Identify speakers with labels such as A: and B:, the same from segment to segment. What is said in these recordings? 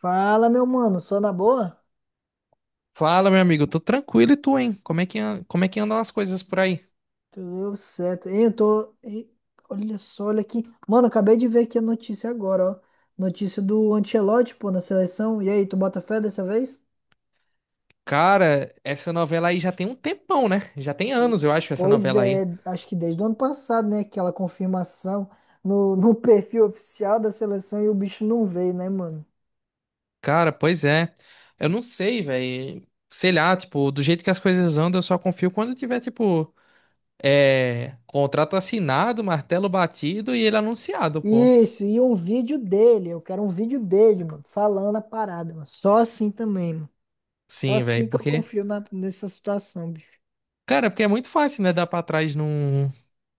A: Fala, meu mano, só na boa?
B: Fala, meu amigo, tô tranquilo e tu, hein? Como é que, como é que andam as coisas por aí?
A: Tudo certo. Hein, eu tô. Ih, olha só, olha aqui. Mano, acabei de ver aqui a notícia agora, ó. Notícia do Ancelotti, pô, na seleção. E aí, tu bota fé dessa vez?
B: Cara, essa novela aí já tem um tempão, né? Já tem anos, eu acho, essa
A: Pois
B: novela aí.
A: é, acho que desde o ano passado, né? Aquela confirmação no, no perfil oficial da seleção e o bicho não veio, né, mano?
B: Cara, pois é. Eu não sei, velho. Sei lá, tipo, do jeito que as coisas andam, eu só confio quando tiver, tipo, é, contrato assinado, martelo batido e ele anunciado, pô.
A: Isso, e um vídeo dele. Eu quero um vídeo dele, mano, falando a parada, mano. Só assim também, mano. Só
B: Sim,
A: assim
B: velho,
A: que eu
B: porque.
A: confio nessa situação, bicho.
B: Cara, porque é muito fácil, né? Dar pra trás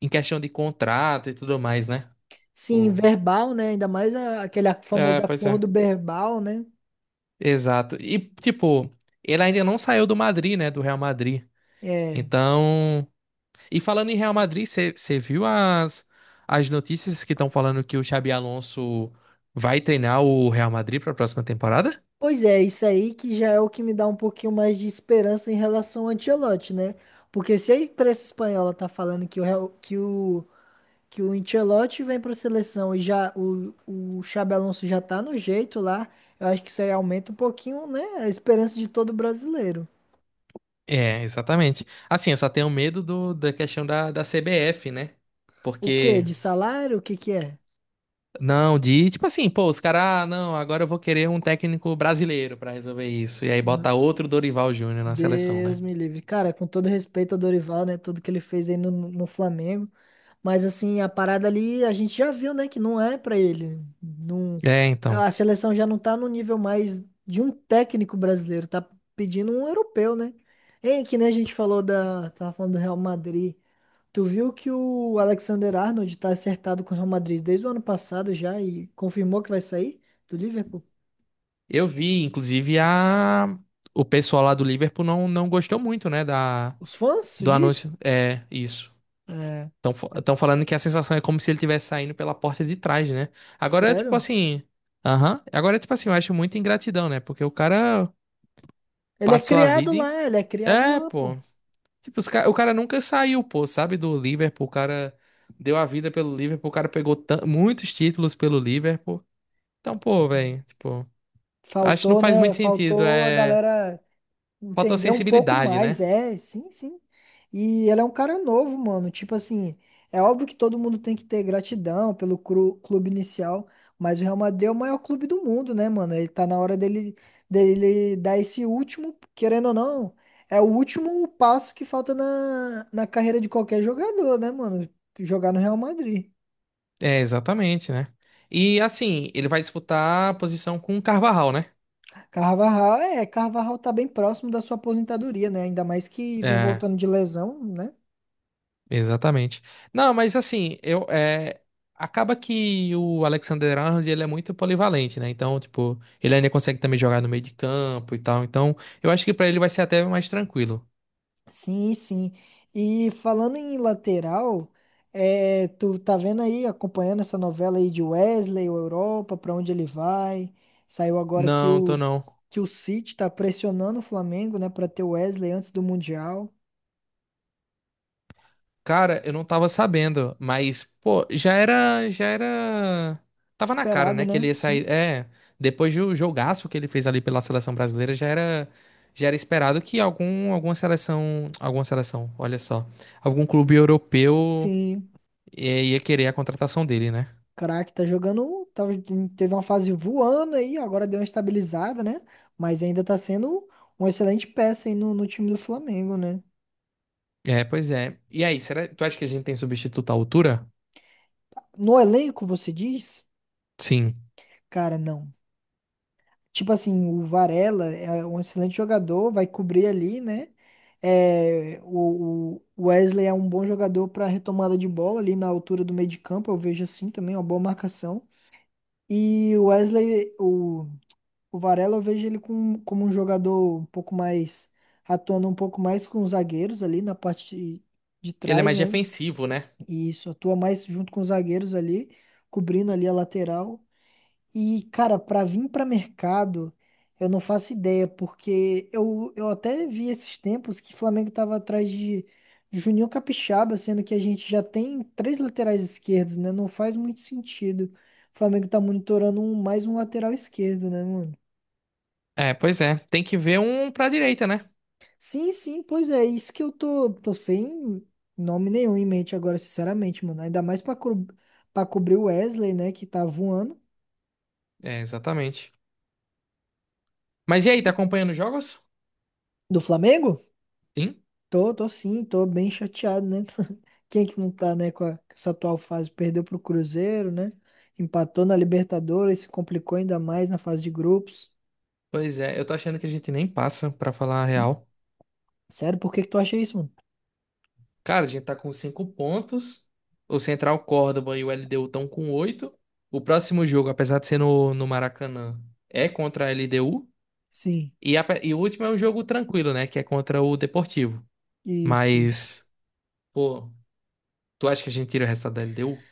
B: em questão de contrato e tudo mais, né?
A: Sim,
B: Pô.
A: verbal, né? Ainda mais aquele
B: É,
A: famoso
B: pois é.
A: acordo verbal, né?
B: Exato. E, tipo, ele ainda não saiu do Madrid, né? Do Real Madrid.
A: É.
B: Então. E falando em Real Madrid, você viu as notícias que estão falando que o Xabi Alonso vai treinar o Real Madrid para a próxima temporada?
A: Pois é, isso aí que já é o que me dá um pouquinho mais de esperança em relação ao Ancelotti, né? Porque se a imprensa espanhola tá falando que o, Real- que o Ancelotti vem pra seleção e o Xabi Alonso já tá no jeito lá, eu acho que isso aí aumenta um pouquinho, né? A esperança de todo brasileiro.
B: É, exatamente. Assim, eu só tenho medo da questão da CBF, né?
A: O quê?
B: Porque.
A: De salário? O que que é?
B: Não, de tipo assim, pô, os caras, ah, não, agora eu vou querer um técnico brasileiro para resolver isso. E aí bota outro Dorival Júnior na seleção,
A: Deus
B: né?
A: me livre. Cara, com todo respeito ao Dorival, né? Tudo que ele fez aí no, no Flamengo. Mas, assim, a parada ali, a gente já viu, né? Que não é pra ele. Não,
B: É, então.
A: a seleção já não tá no nível mais de um técnico brasileiro. Tá pedindo um europeu, né? Ei, que nem a gente falou da... Tava falando do Real Madrid. Tu viu que o Alexander Arnold tá acertado com o Real Madrid desde o ano passado já e confirmou que vai sair do Liverpool?
B: Eu vi, inclusive, a... o pessoal lá do Liverpool não, não gostou muito, né, da...
A: Os fãs, tu
B: do
A: diz?
B: anúncio. É, isso.
A: É.
B: Estão falando que a sensação é como se ele estivesse saindo pela porta de trás, né? Agora, tipo
A: Sério?
B: assim. Aham. Agora, tipo assim, eu acho muita ingratidão, né? Porque o cara
A: Ele é
B: passou a
A: criado
B: vida em.
A: lá, ele é criado
B: É,
A: lá, pô.
B: pô. Tipo, o cara nunca saiu, pô, sabe, do Liverpool. O cara deu a vida pelo Liverpool. O cara pegou muitos títulos pelo Liverpool. Então, pô,
A: Sim.
B: velho, tipo. Acho que não
A: Faltou,
B: faz
A: né?
B: muito sentido.
A: Faltou a
B: É.
A: galera entender um pouco
B: Fotossensibilidade, né?
A: mais, é, sim, sim. E ele é um cara novo, mano. Tipo assim, é óbvio que todo mundo tem que ter gratidão pelo clube inicial, mas o Real Madrid é o maior clube do mundo, né, mano? Ele tá na hora dele, dele dar esse último, querendo ou não, é o último passo que falta na, na carreira de qualquer jogador, né, mano? Jogar no Real Madrid.
B: É, exatamente, né? E assim, ele vai disputar a posição com o Carvajal, né?
A: Carvajal, é, Carvajal tá bem próximo da sua aposentadoria, né? Ainda mais que vem
B: É,
A: voltando de lesão, né?
B: exatamente. Não, mas assim, eu acaba que o Alexander Arnold ele é muito polivalente, né? Então, tipo, ele ainda consegue também jogar no meio de campo e tal. Então, eu acho que pra ele vai ser até mais tranquilo.
A: Sim, sim. E falando em lateral, é, tu tá vendo aí, acompanhando essa novela aí de Wesley, o Europa, pra onde ele vai? Saiu agora
B: Não, tô não.
A: que o City tá pressionando o Flamengo, né, pra ter o Wesley antes do Mundial.
B: Cara, eu não tava sabendo, mas, pô, já era... Tava na cara,
A: Esperado,
B: né, que
A: né?
B: ele ia sair...
A: Sim.
B: É, depois do jogaço que ele fez ali pela seleção brasileira, já era esperado que algum, alguma seleção... Alguma seleção, olha só. Algum clube europeu
A: Sim.
B: ia querer a contratação dele, né?
A: Craque tá jogando, teve uma fase voando aí, agora deu uma estabilizada, né? Mas ainda tá sendo uma excelente peça aí no, no time do Flamengo, né?
B: É, pois é. E aí, será, tu acha que a gente tem substituto à altura?
A: No elenco, você diz?
B: Sim.
A: Cara, não. Tipo assim, o Varela é um excelente jogador, vai cobrir ali, né? É, o Wesley é um bom jogador para retomada de bola ali na altura do meio de campo, eu vejo assim também, uma boa marcação. E o Wesley, o Varela eu vejo ele com, como um jogador um pouco mais, atuando um pouco mais com os zagueiros ali na parte de
B: Ele é
A: trás,
B: mais
A: né?
B: defensivo, né?
A: E isso, atua mais junto com os zagueiros ali, cobrindo ali a lateral. E, cara, pra vir pra mercado, eu não faço ideia, porque eu até vi esses tempos que o Flamengo tava atrás de Juninho Capixaba, sendo que a gente já tem três laterais esquerdos, né? Não faz muito sentido. O Flamengo tá monitorando mais um lateral esquerdo, né, mano?
B: É, pois é. Tem que ver um pra direita, né?
A: Sim, sim, pois é, isso que eu tô sem nome nenhum em mente agora, sinceramente, mano. Ainda mais pra, pra cobrir o Wesley, né, que tá voando.
B: É, exatamente. Mas e aí, tá acompanhando os jogos?
A: Do Flamengo?
B: Sim.
A: Tô, tô sim, tô bem chateado, né? Quem é que não tá, né, com, com essa atual fase? Perdeu pro Cruzeiro, né? Empatou na Libertadores, se complicou ainda mais na fase de grupos.
B: Pois é, eu tô achando que a gente nem passa, pra falar a real.
A: Sério, por que que tu acha isso, mano?
B: Cara, a gente tá com 5 pontos. O Central Córdoba e o LDU estão com oito. O próximo jogo, apesar de ser no Maracanã, é contra a LDU.
A: Sim,
B: E, e o último é um jogo tranquilo, né? Que é contra o Deportivo.
A: isso, isso.
B: Mas, pô, tu acha que a gente tira o resultado da LDU?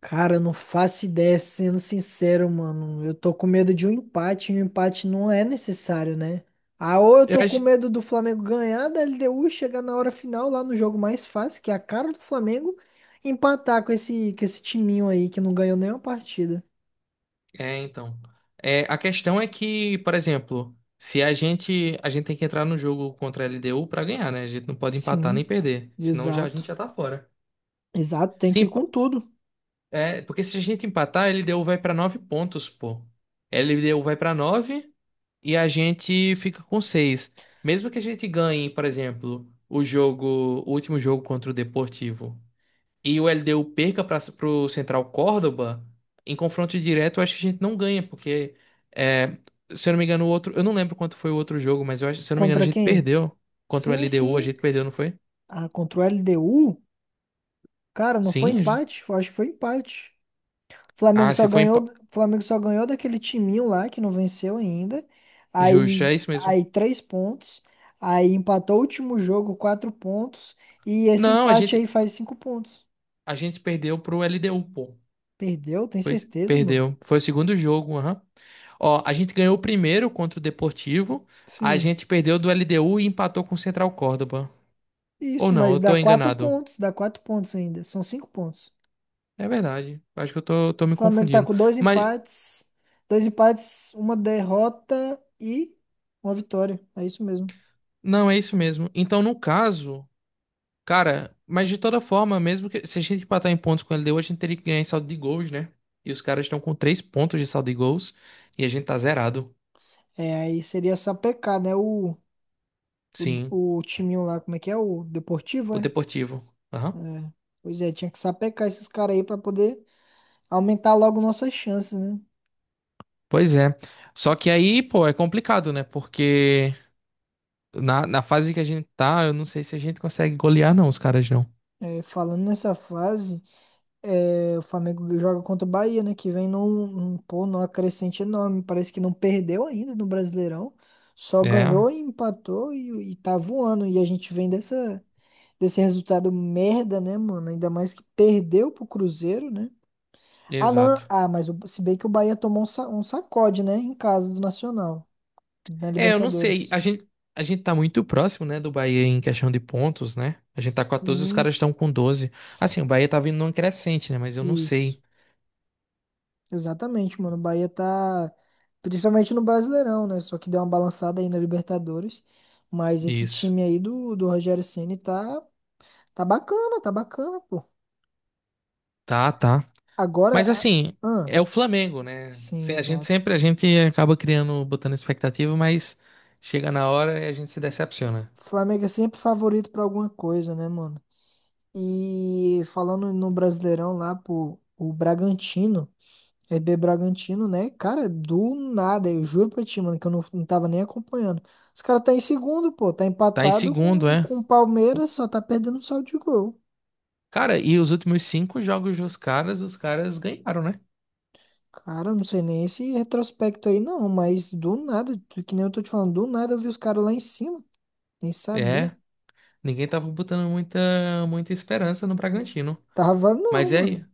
A: Cara, eu não faço ideia, sendo sincero, mano. Eu tô com medo de um empate, e um empate não é necessário, né? Ah, ou eu
B: Eu
A: tô com
B: acho.
A: medo do Flamengo ganhar da LDU, chegar na hora final lá no jogo mais fácil, que é a cara do Flamengo, empatar com esse timinho aí que não ganhou nenhuma partida.
B: É, então. É, a questão é que, por exemplo, se a gente. A gente tem que entrar no jogo contra a LDU pra ganhar, né? A gente não pode empatar nem
A: Sim,
B: perder. Senão já, a gente
A: exato.
B: já tá fora.
A: Exato, tem que ir
B: Sim,
A: com tudo.
B: é, porque se a gente empatar, a LDU vai pra 9 pontos, pô. A LDU vai pra nove e a gente fica com seis. Mesmo que a gente ganhe, por exemplo, o jogo, o último jogo contra o Deportivo e o LDU perca para pro Central Córdoba, em confronto direto, eu acho que a gente não ganha, porque é, se eu não me engano, o outro, eu não lembro quanto foi o outro jogo, mas eu acho, se eu não me engano, a
A: Contra
B: gente
A: quem?
B: perdeu contra o
A: Sim,
B: LDU, a
A: sim.
B: gente perdeu, não foi?
A: Ah, contra o LDU? Cara, não foi
B: Sim.
A: empate? Eu acho que foi empate.
B: Ah, se foi
A: Flamengo só ganhou daquele timinho lá que não venceu ainda.
B: justo, é
A: Aí,
B: isso mesmo.
A: aí três pontos. Aí empatou o último jogo, quatro pontos. E esse
B: Não, a
A: empate
B: gente,
A: aí faz cinco pontos.
B: a gente perdeu pro LDU, pô.
A: Perdeu, tem
B: Pois,
A: certeza, mano?
B: perdeu. Foi o segundo jogo, aham. Ó, a gente ganhou o primeiro contra o Deportivo. A
A: Sim.
B: gente perdeu do LDU e empatou com o Central Córdoba. Ou
A: Isso,
B: não,
A: mas
B: eu tô enganado.
A: dá quatro pontos ainda. São cinco pontos.
B: É verdade. Acho que eu tô me
A: O Flamengo tá
B: confundindo.
A: com
B: Mas,
A: dois empates, uma derrota e uma vitória. É isso mesmo.
B: não, é isso mesmo. Então, no caso, cara, mas de toda forma, mesmo que se a gente empatar em pontos com o LDU, a gente teria que ganhar em saldo de gols, né? E os caras estão com 3 pontos de saldo de gols. E a gente tá zerado.
A: É, aí seria sapecar, né? O O,
B: Sim,
A: o timinho lá, como é que é? O Deportivo,
B: o
A: é?
B: Deportivo. Aham.
A: É. Pois é, tinha que sapecar esses caras aí pra poder aumentar logo nossas chances, né?
B: Pois é. Só que aí, pô, é complicado, né? Porque na fase que a gente tá, eu não sei se a gente consegue golear, não, os caras não.
A: É, falando nessa fase, é, o Flamengo joga contra o Bahia, né? Que vem num, num, pô, numa crescente enorme. Parece que não perdeu ainda no Brasileirão. Só
B: É,
A: ganhou e empatou e tá voando. E a gente vem dessa, desse resultado merda, né, mano? Ainda mais que perdeu pro Cruzeiro, né? Ah, não.
B: exato.
A: Ah, mas se bem que o Bahia tomou um, um sacode, né? Em casa do Nacional, na
B: É, eu não sei.
A: Libertadores.
B: A gente tá muito próximo, né, do Bahia em questão de pontos, né? A gente tá 14, os
A: Sim,
B: caras estão com 12. Assim, o Bahia tá vindo num crescente, né? Mas eu não
A: isso.
B: sei
A: Exatamente, mano. O Bahia tá. Principalmente no Brasileirão, né? Só que deu uma balançada aí na Libertadores. Mas esse
B: isso.
A: time aí do, do Rogério Ceni tá, tá bacana, pô.
B: Tá, tá.
A: Agora.
B: Mas assim,
A: Ah,
B: é o Flamengo, né?
A: sim,
B: A gente
A: exato.
B: sempre, a gente acaba criando, botando expectativa, mas chega na hora e a gente se decepciona.
A: Flamengo é sempre favorito pra alguma coisa, né, mano? E falando no Brasileirão lá, pô, o Bragantino. RB Bragantino, né? Cara, do nada, eu juro pra ti, mano, que eu não, não tava nem acompanhando. Os caras tá em segundo, pô, tá
B: Tá em
A: empatado com
B: segundo, é?
A: com o Palmeiras, só tá perdendo saldo de gol.
B: Cara, e os últimos cinco jogos dos caras, os caras ganharam, né?
A: Cara, eu não sei nem esse retrospecto aí não, mas do nada, que nem eu tô te falando, do nada eu vi os caras lá em cima, nem sabia.
B: É, ninguém tava botando muita, muita esperança no Bragantino.
A: Tava
B: Mas
A: não,
B: é,
A: mano.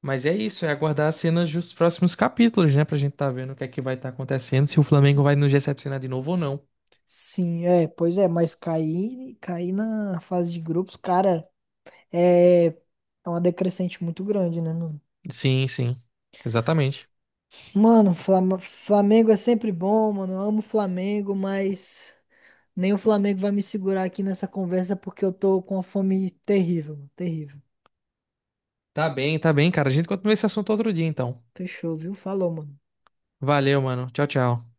B: mas é isso, é aguardar as cenas dos próximos capítulos, né? Pra gente tá vendo o que é que vai estar acontecendo, se o Flamengo vai nos decepcionar de novo ou não.
A: Sim, é, pois é, mas cair, cair na fase de grupos, cara, é, é uma decrescente muito grande, né, mano?
B: Sim, sim, exatamente.
A: Mano, Flamengo é sempre bom, mano. Eu amo o Flamengo, mas nem o Flamengo vai me segurar aqui nessa conversa porque eu tô com uma fome terrível, mano. Terrível.
B: Tá bem, cara. A gente continua esse assunto outro dia, então.
A: Fechou, viu? Falou, mano.
B: Valeu, mano. Tchau, tchau.